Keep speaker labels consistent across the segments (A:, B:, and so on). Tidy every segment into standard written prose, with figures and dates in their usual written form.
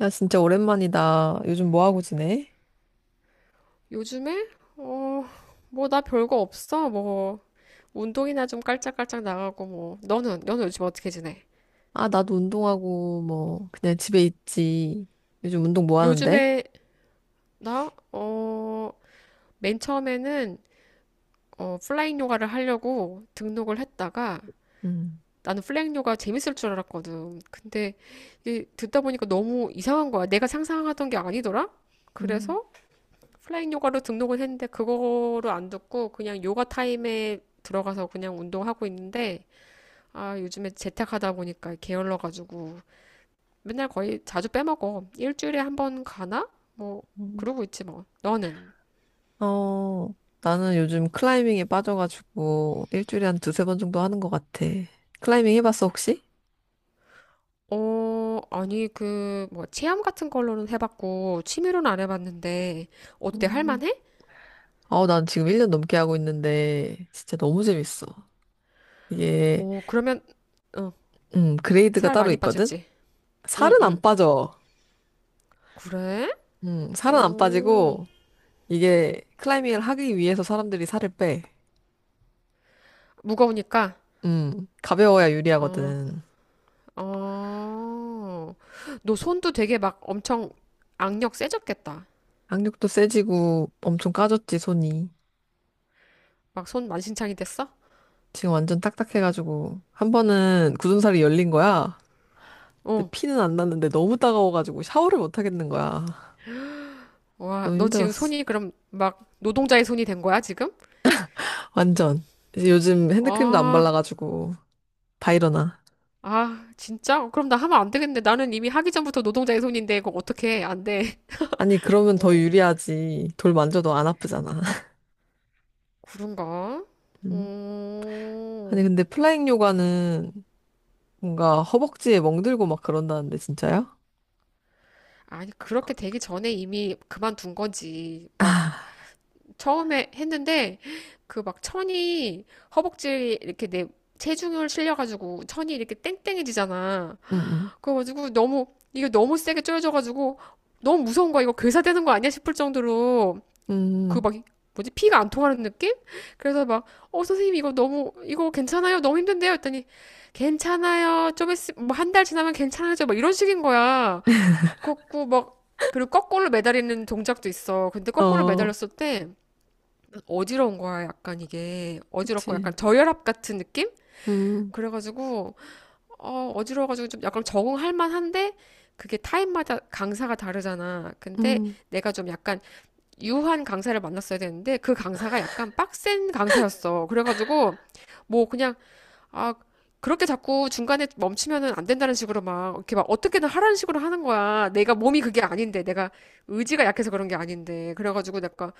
A: 야, 진짜 오랜만이다. 요즘 뭐 하고 지내?
B: 요즘에? 어, 뭐 나 별거 없어. 뭐 운동이나 좀 깔짝깔짝 나가고 뭐. 너는 요즘 어떻게 지내?
A: 아, 나도 운동하고, 뭐, 그냥 집에 있지. 요즘 운동 뭐 하는데?
B: 요즘에 나 어, 맨 처음에는 어, 플라잉 요가를 하려고 등록을 했다가
A: 음.
B: 나는 플라잉 요가 재밌을 줄 알았거든. 근데 이게 듣다 보니까 너무 이상한 거야. 내가 상상하던 게 아니더라.
A: 음,
B: 그래서 플라잉 요가로 등록을 했는데 그거를 안 듣고 그냥 요가 타임에 들어가서 그냥 운동하고 있는데 아, 요즘에 재택하다 보니까 게을러가지고 맨날 거의 자주 빼먹어. 일주일에 한 번 가나? 뭐,
A: 음.
B: 그러고 있지 뭐. 너는?
A: 어, 나는 요즘 클라이밍에 빠져가지고, 일주일에 한 두세 번 정도 하는 것 같아. 클라이밍 해봤어, 혹시?
B: 어, 아니, 그, 뭐, 체험 같은 걸로는 해봤고, 취미로는 안 해봤는데, 어때?
A: 음.
B: 할만해?
A: 어, 난 지금 1년 넘게 하고 있는데, 진짜 너무 재밌어. 이게,
B: 어, 그러면, 어,
A: 그레이드가
B: 살
A: 따로
B: 많이
A: 있거든?
B: 빠졌지? 응,
A: 살은 안
B: 응.
A: 빠져.
B: 그래?
A: 살은 안
B: 어,
A: 빠지고, 이게 클라이밍을 하기 위해서 사람들이 살을 빼.
B: 무거우니까?
A: 가벼워야
B: 어,
A: 유리하거든.
B: 어. 너 손도 되게 막 엄청 악력 세졌겠다.
A: 항력도 세지고 엄청 까졌지, 손이.
B: 막 손 만신창이 됐어?
A: 지금 완전 딱딱해가지고. 한 번은 굳은살이 열린 거야. 근데
B: 어.
A: 피는 안 났는데 너무 따가워가지고 샤워를 못 하겠는 거야.
B: 와,
A: 너무
B: 너 지금
A: 힘들었어.
B: 손이 그럼 막 노동자의 손이 된 거야, 지금?
A: 완전. 이제 요즘 핸드크림도 안
B: 아,
A: 발라가지고 다 일어나.
B: 아, 진짜? 어, 그럼 나 하면 안 되겠네. 나는 이미 하기 전부터 노동자의 손인데, 그거 어떻게 해? 안 돼.
A: 아니, 그러면 더
B: 어,
A: 유리하지. 돌 만져도 안 아프잖아.
B: 그런가?
A: 음. 아니,
B: 음,
A: 근데 플라잉 요가는 뭔가 허벅지에 멍들고 막 그런다는데, 진짜요?
B: 아니, 그렇게 되기 전에 이미 그만둔 거지.
A: 아,
B: 막, 처음에 했는데, 그 막 천이 허벅지 이렇게 내 체중을 실려가지고 천이 이렇게 땡땡해지잖아.
A: 응, 응.
B: 그래가지고 너무 이게 너무 세게 쪼여져가지고 너무 무서운 거야. 이거 괴사되는 거 아니야 싶을 정도로
A: 음,
B: 그
A: 음.
B: 막 뭐지 피가 안 통하는 느낌? 그래서 막 어 선생님 이거 너무 이거 괜찮아요? 너무 힘든데요? 했더니 괜찮아요. 좀 있으 뭐한 달 지나면 괜찮아져. 막 이런 식인 거야. 그렇고 막 그리고 거꾸로 매달리는 동작도 있어. 근데 거꾸로
A: 어,
B: 매달렸을 때 어지러운 거야. 약간 이게 어지럽고
A: 그치.
B: 약간 저혈압 같은 느낌?
A: 음,
B: 그래가지고 어, 어지러워가지고 좀 약간 적응할 만한데 그게 타임마다 강사가 다르잖아. 근데
A: 음,
B: 내가 좀 약간 유한 강사를 만났어야 되는데 그 강사가 약간 빡센 강사였어. 그래가지고 뭐 그냥 아, 그렇게 자꾸 중간에 멈추면은 안 된다는 식으로 막, 이렇게 막 어떻게든 하라는 식으로 하는 거야. 내가 몸이 그게 아닌데, 내가 의지가 약해서 그런 게 아닌데. 그래가지고 내가,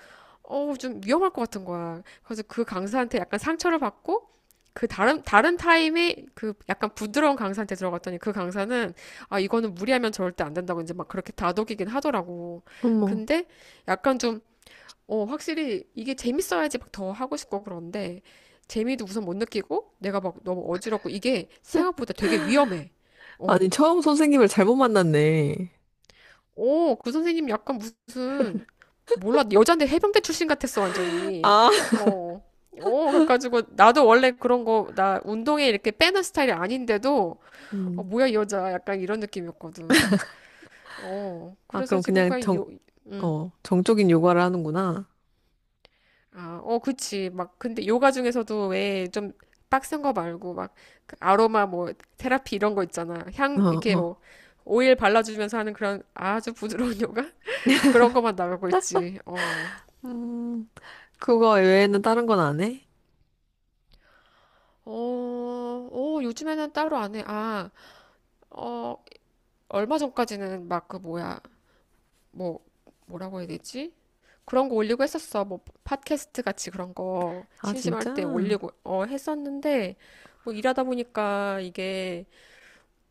B: 어우, 좀 위험할 것 같은 거야. 그래서 그 강사한테 약간 상처를 받고, 그 다른 타임에 그 약간 부드러운 강사한테 들어갔더니 그 강사는, 아, 이거는 무리하면 절대 안 된다고 이제 막 그렇게 다독이긴 하더라고.
A: 어머.
B: 근데 약간 좀 어, 확실히 이게 재밌어야지 막 더 하고 싶고 그런데 재미도 우선 못 느끼고 내가 막 너무 어지럽고 이게 생각보다 되게 위험해. 어,
A: 아니, 처음 선생님을 잘못 만났네.
B: 어, 그 선생님 약간 무슨 몰라 여잔데 해병대 출신 같았어 완전히.
A: 아,
B: 어, 어, 그래가지고 나도 원래 그런 거 나 운동에 이렇게 빼는 스타일이 아닌데도 어,
A: 음,
B: 뭐야 이 여자 약간 이런 느낌이었거든. 어,
A: 아,
B: 그래서 지금 그냥 요, 음.
A: 어, 정적인 요가를 하는구나.
B: 아, 어, 그치. 막, 근데 요가 중에서도 왜 좀 빡센 거 말고, 막그 아로마 뭐, 테라피 이런 거 있잖아. 향,
A: 어,
B: 이렇게 뭐,
A: 어.
B: 오일 발라주면서 하는 그런 아주 부드러운 요가? 그런 거만 나가고 있지. 어.
A: 음, 그거 외에는 다른 건 안 해?
B: 어, 어, 요즘에는 따로 안 해. 아, 어, 얼마 전까지는 막 그 뭐야, 뭐, 뭐라고 해야 되지? 그런 거 올리고 했었어. 뭐, 팟캐스트 같이 그런 거
A: 아,
B: 심심할
A: 진짜?
B: 때 올리고, 어, 했었는데, 뭐, 일하다 보니까 이게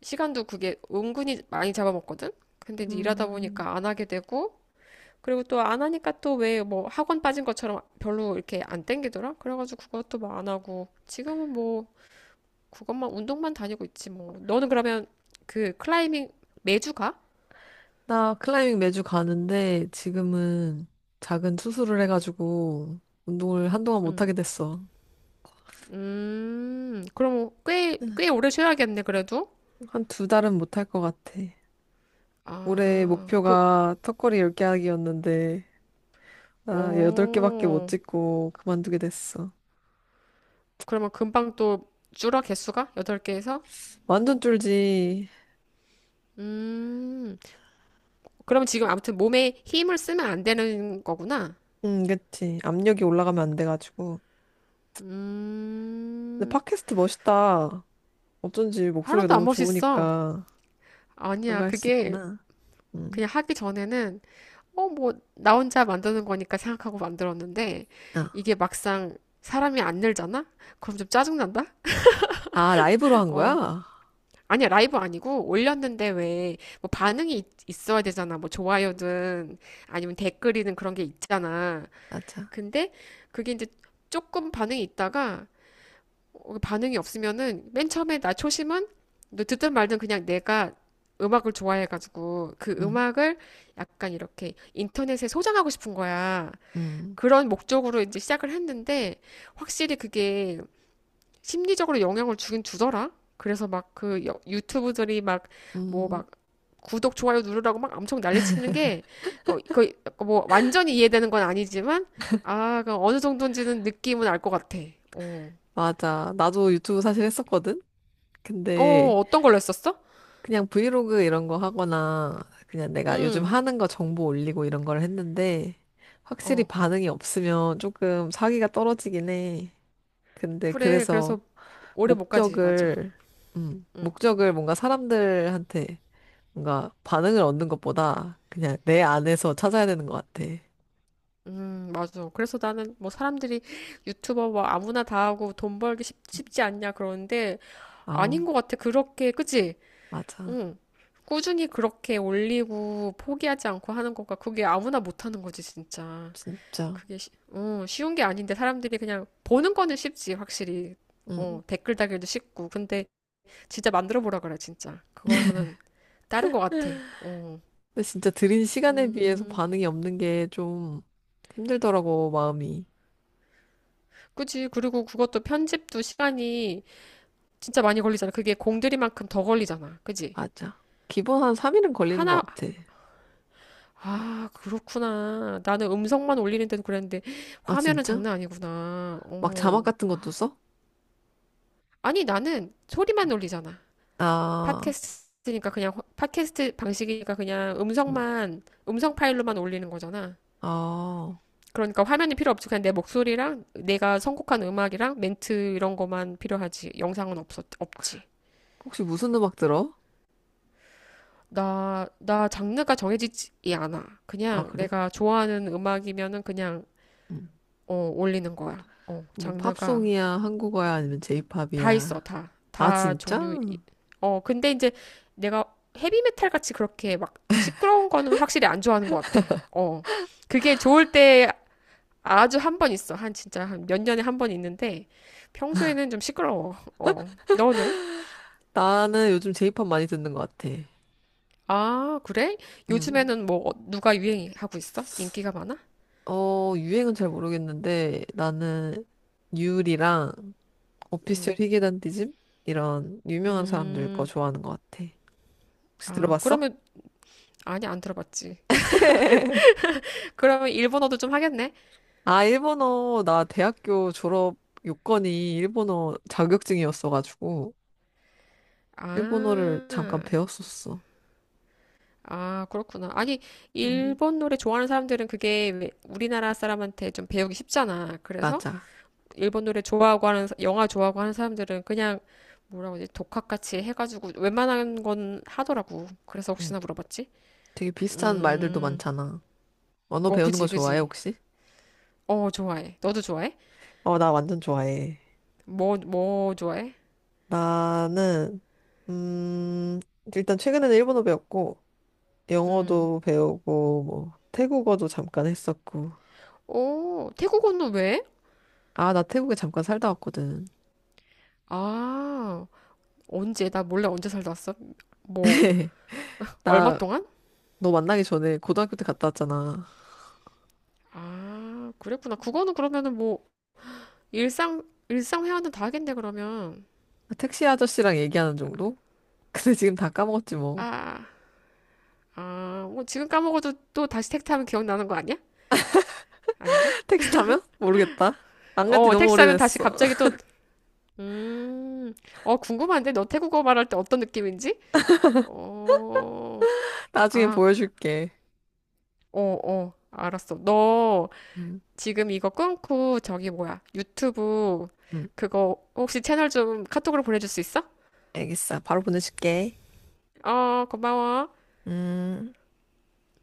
B: 시간도 그게 은근히 많이 잡아먹거든? 근데 이제 일하다
A: 음,
B: 보니까 안 하게 되고, 그리고 또 안 하니까 또 왜 뭐 학원 빠진 것처럼 별로 이렇게 안 땡기더라? 그래가지고 그것도 뭐 안 하고, 지금은 뭐 그것만 운동만 다니고 있지 뭐. 너는 그러면 그 클라이밍 매주 가?
A: 나 클라이밍 매주 가는데 지금은 작은 수술을 해가지고 운동을 한동안
B: 응.
A: 못하게 됐어.
B: 그럼 꽤 오래 쉬어야겠네, 그래도.
A: 한 두 달은 못할 것 같아. 올해
B: 아, 그,
A: 목표가 턱걸이 10개 하기였는데 나 여덟 개밖에 못
B: 오.
A: 찍고 그만두게 됐어.
B: 그러면 금방 또 줄어, 개수가? 여덟 개에서
A: 완전 쫄지.
B: 음. 그럼 지금 아무튼 몸에 힘을 쓰면 안 되는 거구나.
A: 응, 그치. 압력이 올라가면 안 돼가지고. 근데
B: 음,
A: 팟캐스트 멋있다. 어쩐지 목소리가
B: 하나도 안
A: 너무
B: 멋있어.
A: 좋으니까 그런
B: 아니야,
A: 거 할 수
B: 그게
A: 있구나. 응.
B: 그냥 하기 전에는, 어, 뭐, 나 혼자 만드는 거니까 생각하고 만들었는데,
A: 아,
B: 이게 막상 사람이 안 늘잖아? 그럼 좀 짜증난다?
A: 라이브로 한
B: 어.
A: 거야?
B: 아니야, 라이브 아니고, 올렸는데 왜, 뭐, 반응이 있어야 되잖아. 뭐, 좋아요든, 아니면 댓글이든 그런 게 있잖아.
A: 맞아.
B: 근데, 그게 이제 조금 반응이 있다가, 어, 반응이 없으면은 맨 처음에 나 초심은 너 듣든 말든 그냥 내가 음악을 좋아해가지고 그
A: 응,
B: 음악을 약간 이렇게 인터넷에 소장하고 싶은 거야.
A: 응,
B: 그런 목적으로 이제 시작을 했는데 확실히 그게 심리적으로 영향을 주긴 주더라. 그래서 막 그 유튜브들이 막 뭐
A: 응.
B: 막 구독, 좋아요 누르라고 막 엄청 난리치는 게, 어, 거의 뭐, 완전히 이해되는 건 아니지만, 아, 그 어느 정도인지는 느낌은 알 것 같아. 어,
A: 맞아. 나도 유튜브 사실 했었거든? 근데
B: 어, 어떤 걸로 했었어?
A: 그냥 브이로그 이런 거 하거나 그냥 내가 요즘
B: 응,
A: 하는 거 정보 올리고 이런 걸 했는데 확실히
B: 어,
A: 반응이 없으면 조금 사기가 떨어지긴 해. 근데
B: 그래.
A: 그래서
B: 그래서 오래 못 가지, 맞아.
A: 목적을 목적을 뭔가 사람들한테 뭔가 반응을 얻는 것보다 그냥 내 안에서 찾아야 되는 것 같아.
B: 맞아. 그래서 나는 뭐 사람들이 유튜버 뭐 아무나 다 하고 돈 벌기 쉽지 않냐 그러는데
A: 아우,
B: 아닌 것 같아. 그렇게, 그치?
A: 맞아.
B: 응. 꾸준히 그렇게 올리고 포기하지 않고 하는 것과 그게 아무나 못 하는 거지, 진짜.
A: 진짜.
B: 그게 쉬운 게 아닌데 사람들이 그냥 보는 거는 쉽지, 확실히.
A: 응.
B: 어, 댓글 달기도 쉽고. 근데 진짜 만들어 보라 그래, 진짜. 그거는 다른 것 같아. 어.
A: 근데 진짜 들인 시간에 비해서
B: 음.
A: 반응이 없는 게 좀 힘들더라고, 마음이.
B: 그치. 그리고 그것도 편집도 시간이 진짜 많이 걸리잖아. 그게 공들이만큼 더 걸리잖아. 그치?
A: 맞아. 기본 한 3일은 걸리는 것
B: 하나,
A: 같아.
B: 아, 그렇구나. 나는 음성만 올리는 데도 그랬는데,
A: 아,
B: 화면은
A: 진짜?
B: 장난 아니구나.
A: 막 자막
B: 어.
A: 같은 것도 써?
B: 아니, 나는 소리만 올리잖아.
A: 아,
B: 팟캐스트니까 그냥, 팟캐스트 방식이니까 그냥
A: 음.
B: 음성만, 음성 파일로만 올리는 거잖아.
A: 아,
B: 그러니까 화면이 필요 없지. 그냥 내 목소리랑 내가 선곡한 음악이랑 멘트 이런 거만 필요하지. 영상은 없지.
A: 혹시 무슨 음악 들어?
B: 나 장르가 정해지지 않아.
A: 아,
B: 그냥
A: 그래?
B: 내가 좋아하는 음악이면은 그냥,
A: 음.
B: 어, 올리는 거야. 어,
A: 뭐,
B: 장르가
A: 팝송이야, 한국어야, 아니면
B: 다 있어,
A: 제이팝이야?
B: 다.
A: 아,
B: 다
A: 진짜?
B: 종류, 어, 근데 이제 내가 헤비메탈 같이 그렇게 막 시끄러운 거는 확실히 안 좋아하는 것 같아. 어. 그게 좋을 때 아주 한 번 있어. 한 진짜 한 몇 년에 한 번 있는데 평소에는 좀 시끄러워. 어. 너는?
A: 나는 요즘 제이팝 많이 듣는 것 같아.
B: 아, 그래?
A: 음.
B: 요즘에는 뭐 누가 유행하고 있어? 인기가 많아?
A: 어, 유행은 잘 모르겠는데, 나는 유리랑 오피셜 히게단디즘? 이런 유명한 사람들 거
B: 음.
A: 좋아하는 것 같아. 혹시
B: 아,
A: 들어봤어?
B: 그러면, 아니, 안 들어봤지. 그러면 일본어도 좀 하겠네?
A: 아, 일본어, 나 대학교 졸업 요건이 일본어 자격증이었어가지고, 일본어를
B: 아,
A: 잠깐 배웠었어.
B: 아, 그렇구나. 아니,
A: 음,
B: 일본 노래 좋아하는 사람들은 그게 왜 우리나라 사람한테 좀 배우기 쉽잖아. 그래서
A: 맞아.
B: 일본 노래 좋아하고 하는, 영화 좋아하고 하는 사람들은 그냥 뭐라고 하지? 독학같이 해가지고 웬만한 건 하더라고. 그래서
A: 음,
B: 혹시나 물어봤지?
A: 되게 비슷한 말들도
B: 음,
A: 많잖아. 언어
B: 어,
A: 배우는 거
B: 그지,
A: 좋아해,
B: 그지.
A: 혹시?
B: 어, 좋아해. 너도 좋아해?
A: 어, 나 완전 좋아해.
B: 뭐, 뭐 좋아해?
A: 나는, 음, 일단 최근에는 일본어 배웠고,
B: 음.
A: 영어도 배우고, 뭐, 태국어도 잠깐 했었고.
B: 오, 태국어는 왜?
A: 아, 나 태국에 잠깐 살다 왔거든.
B: 아, 언제? 나 몰래 언제 살다 왔어? 뭐, 얼마
A: 나,
B: 동안?
A: 너 만나기 전에 고등학교 때 갔다 왔잖아.
B: 아, 그랬구나. 그거는 그러면은 뭐, 일상 회화는 다 하겠네, 그러면.
A: 아, 택시 아저씨랑 얘기하는 정도? 근데 지금 다 까먹었지 뭐.
B: 아, 아, 뭐 지금 까먹어도 또 다시 택트하면 기억나는 거 아니야? 아닌가?
A: 택시 타면? 모르겠다. 안 간지
B: 어,
A: 너무
B: 택시하면 다시
A: 오래됐어.
B: 갑자기 또, 음, 어, 궁금한데? 너 태국어 말할 때 어떤 느낌인지? 어,
A: 나중에
B: 아,
A: 보여줄게.
B: 어, 어, 알았어. 너
A: 응,
B: 지금 이거 끊고 저기 뭐야, 유튜브
A: 응,
B: 그거 혹시 채널 좀 카톡으로 보내줄 수 있어?
A: 알겠어. 바로 보내줄게.
B: 어, 고마워.
A: 음.